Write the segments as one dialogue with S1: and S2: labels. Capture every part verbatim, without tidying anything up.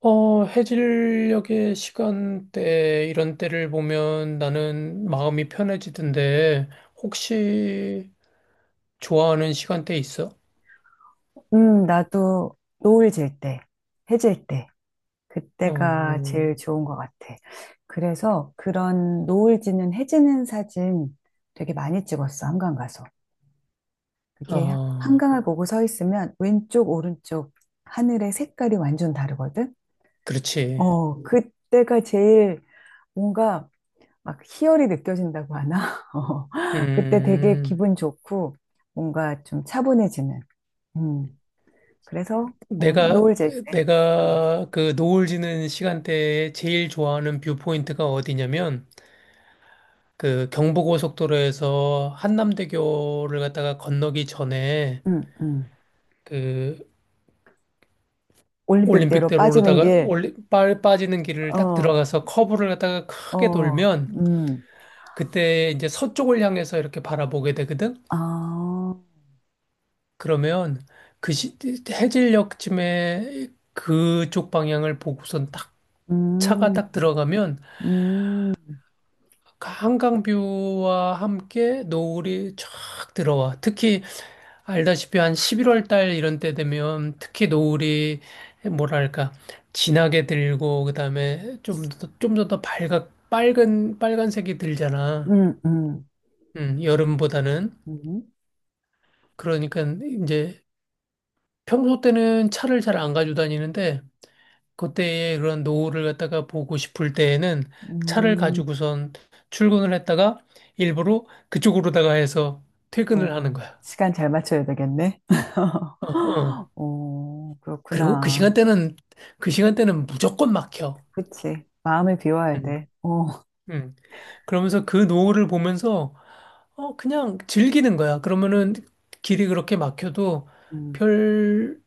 S1: 어, 해질녘의 시간대, 이런 때를 보면 나는 마음이 편해지던데, 혹시 좋아하는 시간대 있어?
S2: 음, 나도 노을 질 때, 해질 때, 그때가
S1: 어,
S2: 제일 좋은 것 같아. 그래서 그런 노을 지는 해 지는 사진 되게 많이 찍었어, 한강 가서. 그게
S1: 아,
S2: 한강을 보고 서 있으면 왼쪽, 오른쪽 하늘의 색깔이 완전 다르거든?
S1: 그렇지.
S2: 어, 그때가 제일 뭔가 막 희열이 느껴진다고 하나? 어, 그때 되게
S1: 음,
S2: 기분 좋고 뭔가 좀 차분해지는. 음, 그래서 어,
S1: 내가,
S2: 노을 질 때.
S1: 내가 그 노을 지는 시간대에 제일 좋아하는 뷰포인트가 어디냐면, 그 경부고속도로에서 한남대교를 갔다가 건너기 전에,
S2: 응, 응.
S1: 그
S2: 올림픽대로
S1: 올림픽대로
S2: 빠지는
S1: 오르다가
S2: 길.
S1: 올리, 빠, 빠지는 길을 딱
S2: 어,
S1: 들어가서 커브를 갖다가 크게
S2: 어,
S1: 돌면
S2: 음.
S1: 그때 이제 서쪽을 향해서 이렇게 바라보게 되거든.
S2: 아,
S1: 그러면 그 시, 해질녘쯤에 그쪽 방향을 보고선 딱 차가
S2: 음,
S1: 딱 들어가면
S2: 음,
S1: 한강뷰와 함께 노을이 쫙 들어와. 특히 알다시피 한 십일월 달 이런 때 되면 특히 노을이 뭐랄까 진하게 들고 그다음에 좀 더 좀 더 더 밝아 빨간 빨간색이 들잖아.
S2: 음, 음,
S1: 음, 여름보다는
S2: 음,
S1: 그러니까 이제 평소 때는 차를 잘 안 가지고 다니는데 그때의 그런 노을을 갖다가 보고 싶을 때에는 차를
S2: 음.
S1: 가지고선 출근을 했다가 일부러 그쪽으로다가 해서 퇴근을 하는
S2: 어,
S1: 거야.
S2: 시간 잘 맞춰야 되겠네.
S1: 어, 어.
S2: 오,
S1: 그리고 그
S2: 그렇구나.
S1: 시간대는 그 시간대는 무조건 막혀.
S2: 그치. 마음을 비워야
S1: 음,
S2: 돼. 어,
S1: 음. 그러면서 그 노을을 보면서 어, 그냥 즐기는 거야. 그러면은 길이 그렇게 막혀도
S2: 음,
S1: 별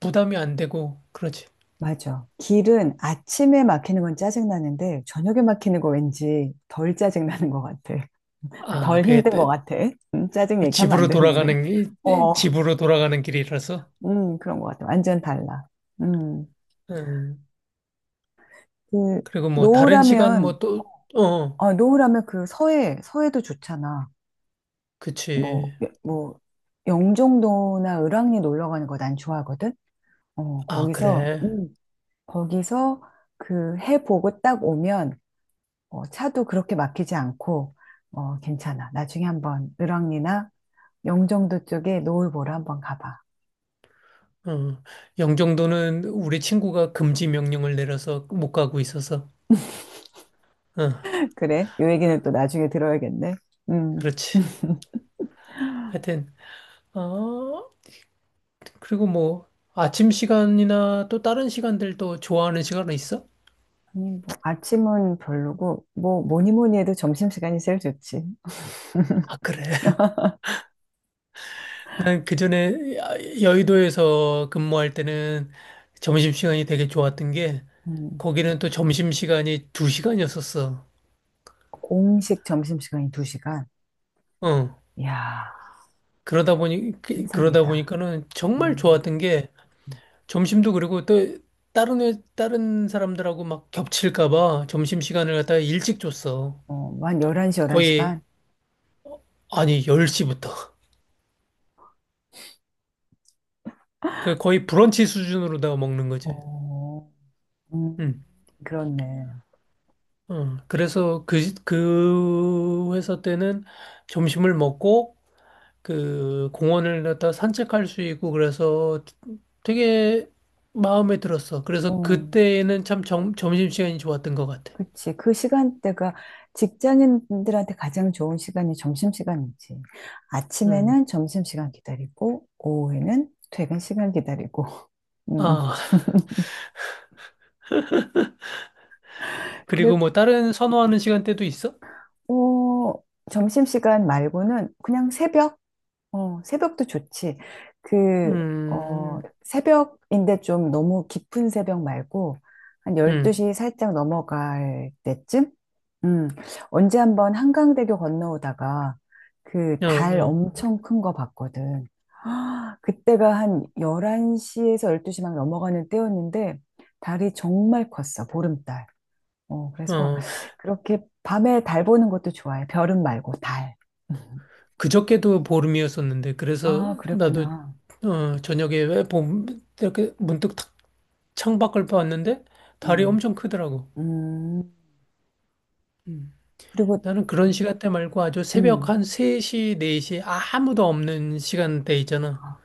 S1: 부담이 안 되고, 그렇지.
S2: 맞아. 길은 아침에 막히는 건 짜증나는데, 저녁에 막히는 거 왠지 덜 짜증나는 것 같아.
S1: 아,
S2: 덜
S1: 그게
S2: 힘든 것
S1: 때-
S2: 같아. 음, 짜증 얘기하면 안
S1: 집으로
S2: 되는데.
S1: 돌아가는, 길-
S2: 어.
S1: 집으로 돌아가는 길이라서.
S2: 음, 그런 것 같아. 완전 달라. 음,
S1: 음.
S2: 그,
S1: 그리고 뭐 다른 시간
S2: 노을하면,
S1: 뭐 또, 어,
S2: 어 노을하면 그 서해, 서해도 좋잖아. 뭐,
S1: 그치.
S2: 뭐, 영종도나 을왕리 놀러 가는 거 난 좋아하거든? 어,
S1: 아,
S2: 거기서,
S1: 그래.
S2: 음, 거기서 그 해 보고 딱 오면, 어, 차도 그렇게 막히지 않고, 어, 괜찮아. 나중에 한번 을왕리나 영종도 쪽에 노을 보러 한번 가봐.
S1: 어. 영종도는 우리 친구가 금지 명령을 내려서 못 가고 있어서. 어,
S2: 그래? 요 얘기는 또 나중에 들어야겠네. 음.
S1: 그렇지. 하여튼, 어, 그리고 뭐 아침 시간이나 또 다른 시간들도 좋아하는 시간은 있어?
S2: 아니, 뭐, 아침은 별로고, 뭐, 뭐니 뭐니 해도 점심시간이 제일 좋지.
S1: 아, 그래. 난 그전에 여의도에서 근무할 때는 점심시간이 되게 좋았던 게
S2: 음,
S1: 거기는 또 점심시간이 두시간이었었어.
S2: 공식 점심시간이 두 시간.
S1: 어.
S2: 이야,
S1: 그러다 보니 그- 그러다
S2: 환상이다.
S1: 보니까는 정말
S2: 음,
S1: 좋았던 게
S2: 음.
S1: 점심도 그리고 또 다른 회- 다른 사람들하고 막 겹칠까 봐 점심시간을 갖다가 일찍 줬어.
S2: 어, 뭐 한 열한 시, 열한 시
S1: 거의
S2: 반?
S1: 아니 열 시부터. 그 거의 브런치 수준으로 다 먹는 거지.
S2: 어, 음,
S1: 응.
S2: 그렇네.
S1: 어, 그래서 그, 그 회사 때는 점심을 먹고 그 공원을 갖다 산책할 수 있고 그래서 되게 마음에 들었어. 그래서
S2: 어,
S1: 그때는 참 점, 점심시간이 좋았던 것 같아.
S2: 그치. 그 시간대가 직장인들한테 가장 좋은 시간이 점심시간이지.
S1: 음.
S2: 아침에는 점심시간 기다리고, 오후에는 퇴근 시간 기다리고. 음,
S1: 아, 그리고 뭐 다른 선호하는 시간대도 있어?
S2: 어, 점심시간 말고는 그냥 새벽? 어, 새벽도 좋지. 그, 어,
S1: 음,
S2: 새벽인데 좀 너무 깊은 새벽 말고 한
S1: 음,
S2: 열두 시 살짝 넘어갈 때쯤? 음, 언제 한번 한강대교 건너오다가 그
S1: 어,
S2: 달
S1: 어,
S2: 엄청 큰 거 봤거든. 아, 그때가 한 열한 시에서 열두 시 막 넘어가는 때였는데 달이 정말 컸어, 보름달. 어, 그래서
S1: 어.
S2: 그렇게 밤에 달 보는 것도 좋아해. 별은 말고 달. 음.
S1: 그저께도 보름이었었는데 그래서
S2: 아,
S1: 나도
S2: 그랬구나.
S1: 어, 저녁에 왜 봄, 이렇게 문득 탁 창밖을 봤는데 달이
S2: 음,
S1: 엄청 크더라고.
S2: 음.
S1: 음.
S2: 그리고,
S1: 나는 그런 시간대 말고 아주 새벽
S2: 음,
S1: 한 세 시, 네 시 아무도 없는 시간대 있잖아.
S2: 아,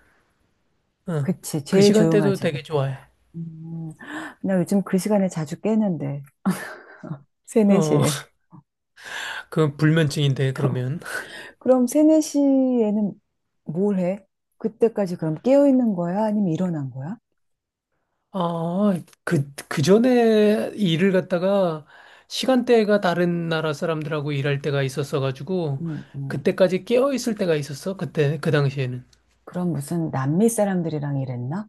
S1: 어.
S2: 그치.
S1: 그
S2: 제일
S1: 시간대도
S2: 조용하지,
S1: 되게
S2: 그때가.
S1: 좋아해.
S2: 음, 나 요즘 그 시간에 자주 깨는데, 세네
S1: 어,
S2: 시에.
S1: 그 불면증인데, 그러면.
S2: 그럼 세네 시에는뭘 해? 그때까지 그럼 깨어있는 거야? 아니면 일어난 거야?
S1: 아, 그, 그 전에 일을 갖다가 시간대가 다른 나라 사람들하고 일할 때가 있었어가지고,
S2: 음, 음.
S1: 그때까지 깨어 있을 때가 있었어. 그때, 그 당시에는.
S2: 그럼 무슨 남미 사람들이랑 일했나?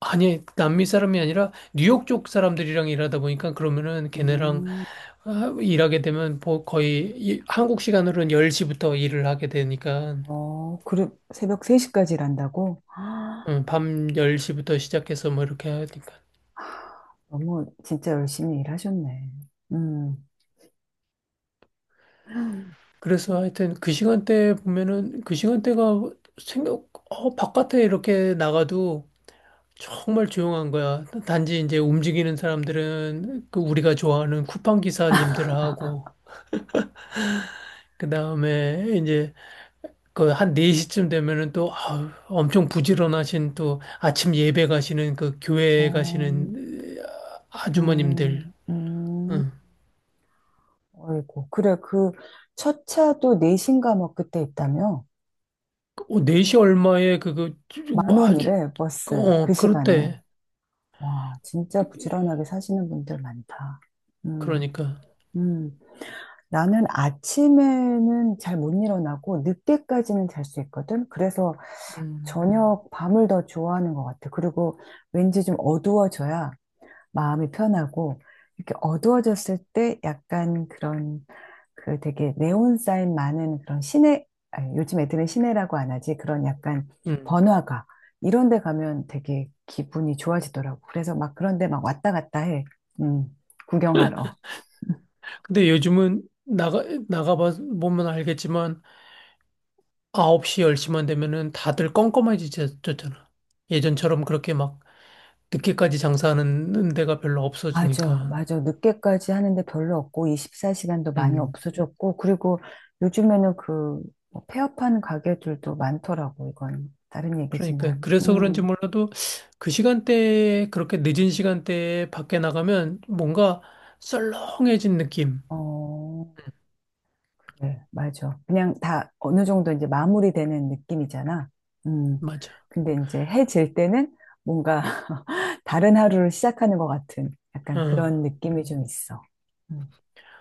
S1: 아니, 남미 사람이 아니라 뉴욕 쪽 사람들이랑 일하다 보니까 그러면은 걔네랑
S2: 음.
S1: 아, 일하게 되면 뭐 거의 이- 한국 시간으로는 열 시부터 일을 하게 되니까
S2: 어, 그래, 새벽 세 시까지 일한다고? 아,
S1: 음, 밤 열 시부터 시작해서 뭐 이렇게 하니까
S2: 너무 진짜 열심히 일하셨네. 음,
S1: 그래서 하여튼 그 시간대 보면은 그 시간대가 생각 어, 바깥에 이렇게 나가도 정말 조용한 거야. 단지 이제 움직이는 사람들은 그 우리가 좋아하는 쿠팡 기사님들하고 그다음에 그 한 네 시쯤 되면은 또 아우, 엄청 부지런하신 또 아침 예배 가시는 그 교회
S2: 어,
S1: 가시는 으, 아주머님들.
S2: 음, 음,
S1: 응.
S2: 어이구. 그래, 그, 첫 차도 내시인가 뭐 그때 있다며?
S1: 어, 네 시 얼마에 그거 쭈-
S2: 만
S1: 뭐 아주
S2: 원이래,
S1: 그,
S2: 버스. 그
S1: 어
S2: 시간에.
S1: 그렇대.
S2: 와, 진짜
S1: 그-
S2: 부지런하게 사시는 분들 많다. 음,
S1: 그러니까.
S2: 음. 나는 아침에는 잘 못 일어나고 늦게까지는 잘 수 있거든. 그래서
S1: 음.
S2: 저녁 밤을 더 좋아하는 것 같아. 그리고 왠지 좀 어두워져야 마음이 편하고 이렇게 어두워졌을 때 약간 그런 그 되게 네온 사인 많은 그런 시내, 아니, 요즘 애들은 시내라고 안 하지. 그런 약간
S1: 음.
S2: 번화가 이런 데 가면 되게 기분이 좋아지더라고. 그래서 막 그런 데 막 왔다 갔다 해. 음, 구경하러.
S1: 근데 요즘은 나가 나가 봐 보면 알겠지만 아홉 시 열 시만 되면은 다들 껌껌해지셨잖아. 예전처럼 그렇게 막 늦게까지 장사하는 데가 별로
S2: 맞아,
S1: 없어지니까.
S2: 맞아. 늦게까지 하는데 별로 없고, 이십사 시간도 많이
S1: 음.
S2: 없어졌고, 그리고 요즘에는 그, 뭐 폐업하는 가게들도 많더라고, 이건. 다른
S1: 그러니까
S2: 얘기지만.
S1: 그래서 그런지
S2: 음,
S1: 몰라도 그 시간대에 그렇게 늦은 시간대에 밖에 나가면 뭔가 썰렁해진 느낌.
S2: 어, 그래, 맞아. 그냥 다 어느 정도 이제 마무리되는 느낌이잖아. 음,
S1: 맞아.
S2: 근데 이제 해 질 때는 뭔가 다른 하루를 시작하는 것 같은
S1: 어.
S2: 약간 그런 느낌이 좀 있어. 음.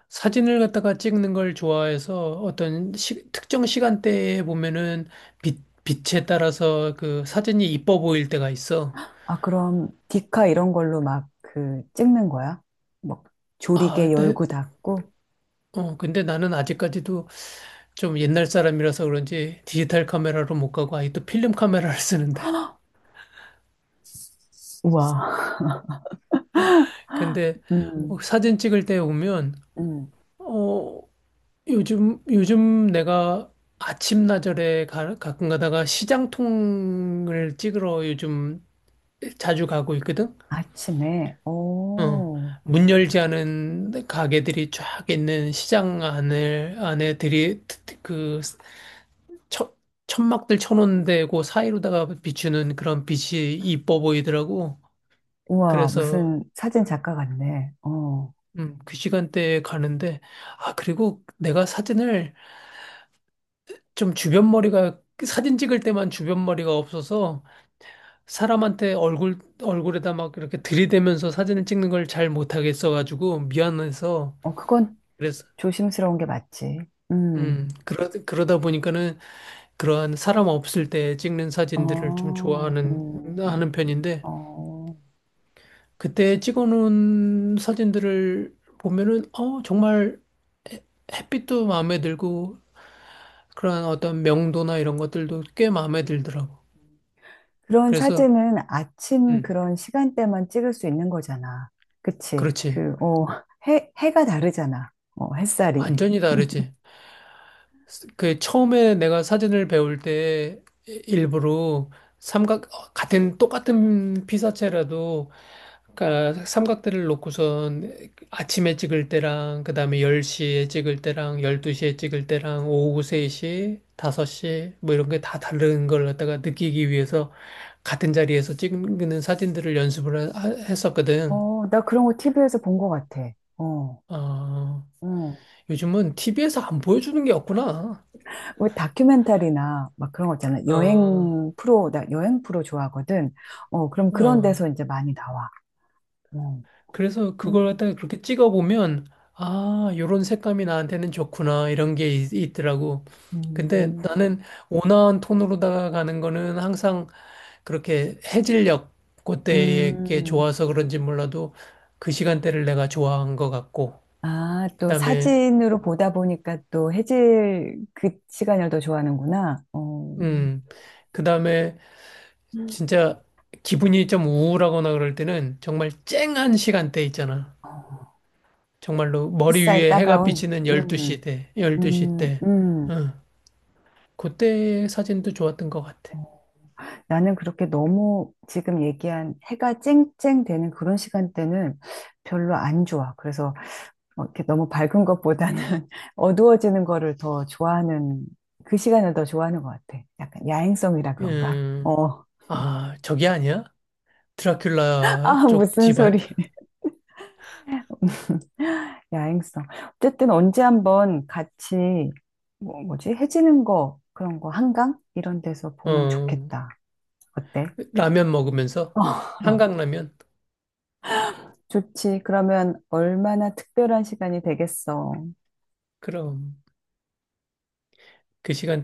S1: 사진을 갖다가 찍는 걸 좋아해서 어떤 시- 특정 시간대에 보면은 빛, 빛에 따라서 그 사진이 이뻐 보일 때가 있어.
S2: 아, 그럼 디카 이런 걸로 막 그 찍는 거야? 막
S1: 아,
S2: 조리개
S1: 근데,
S2: 열고 닫고?
S1: 어, 근데 나는 아직까지도 좀 옛날 사람이라서 그런지 디지털 카메라로 못 가고 아직도 필름 카메라를 쓰는데.
S2: 우와.
S1: 근데 어,
S2: 음,
S1: 사진 찍을 때 보면
S2: 음.
S1: 어, 요즘, 요즘 내가 아침나절에 가, 가끔 가다가 시장통을 찍으러 요즘 자주 가고 있거든?
S2: 아침에,
S1: 어.
S2: 오,
S1: 문 열지 않은 가게들이 쫙 있는 시장 안을, 안에 들이, 그, 천, 천막들 쳐놓은 데고 사이로다가 비추는 그런 빛이 이뻐 보이더라고.
S2: 우와,
S1: 그래서,
S2: 무슨 사진 작가 같네. 어,
S1: 음, 그 시간대에 가는데, 아, 그리고 내가 사진을 좀 주변 머리가, 사진 찍을 때만 주변 머리가 없어서, 사람한테 얼굴, 얼굴에다 막 이렇게 들이대면서 사진을 찍는 걸 잘 못하겠어가지고 미안해서
S2: 어, 그건
S1: 그래서,
S2: 조심스러운 게 맞지. 음,
S1: 음, 그러, 그러다 보니까는 그러한 사람 없을 때 찍는 사진들을 좀
S2: 어,
S1: 좋아하는,
S2: 음,
S1: 하는
S2: 음.
S1: 편인데
S2: 어.
S1: 그때 찍어놓은 사진들을 보면은, 어, 정말 햇빛도 마음에 들고 그러한 어떤 명도나 이런 것들도 꽤 마음에 들더라고.
S2: 그런
S1: 그래서,
S2: 사진은 아침
S1: 음,
S2: 그런 시간대만 찍을 수 있는 거잖아. 그치?
S1: 그렇지.
S2: 그, 어, 해, 해가 다르잖아. 어, 햇살이.
S1: 완전히 다르지. 그 처음에 내가 사진을 배울 때 일부러 삼각 같은 똑같은 피사체라도 그러니까 삼각대를 놓고선 아침에 찍을 때랑 그다음에 열 시에 찍을 때랑 열두 시에 찍을 때랑 오후 세 시, 다섯 시 뭐 이런 게 다 다른 걸 갖다가 느끼기 위해서 같은 자리에서 찍는 사진들을 연습을 하- 했었거든.
S2: 어, 나 그런 거 티비에서 본 것 같아. 어,
S1: 어,
S2: 어.
S1: 요즘은 티비에서 안 보여주는 게 없구나.
S2: 왜 다큐멘터리나 막 그런 거 있잖아.
S1: 어,
S2: 여행 프로, 나 여행 프로 좋아하거든. 어, 그럼 그런
S1: 어.
S2: 데서 이제 많이 나와. 어.
S1: 그래서
S2: 음,
S1: 그걸 갖다가 그렇게 찍어보면, 아, 요런 색감이 나한테는 좋구나, 이런 게 있, 있더라고. 근데
S2: 음,
S1: 나는 온화한 톤으로다가 가는 거는 항상 그렇게 해질녘 그때에 게
S2: 음.
S1: 좋아서 그런지 몰라도 그 시간대를 내가 좋아한 것 같고,
S2: 아, 또
S1: 그다음에,
S2: 사진으로 보다 보니까 또 해질 그 시간을 더 좋아하는구나. 어,
S1: 음, 그다음에
S2: 음.
S1: 진짜 기분이 좀 우울하거나 그럴 때는 정말 쨍한 시간대 있잖아.
S2: 어,
S1: 정말로 머리
S2: 햇살
S1: 위에 해가
S2: 따가운.
S1: 비치는 열두 시
S2: 음,
S1: 때, 열두 시
S2: 음,
S1: 때.
S2: 음.
S1: 응. 그때 사진도 좋았던 것 같아.
S2: 어. 나는 그렇게 너무 지금 얘기한 해가 쨍쨍 되는 그런 시간대는 별로 안 좋아. 그래서 어, 이렇게 너무 밝은 것보다는 어두워지는 거를 더 좋아하는, 그 시간을 더 좋아하는 것 같아. 약간 야행성이라 그런가?
S1: 음,
S2: 어.
S1: 아, 저게 아니야?
S2: 아,
S1: 드라큘라 쪽
S2: 무슨
S1: 집안?
S2: 소리. 야행성. 어쨌든 언제 한번 같이, 뭐, 뭐지? 해지는 거, 그런 거, 한강? 이런 데서 보면
S1: 어,
S2: 좋겠다. 어때?
S1: 라면 먹으면서?
S2: 어,
S1: 한강라면?
S2: 좋지. 그러면 얼마나 특별한 시간이 되겠어.
S1: 그럼, 그 시간대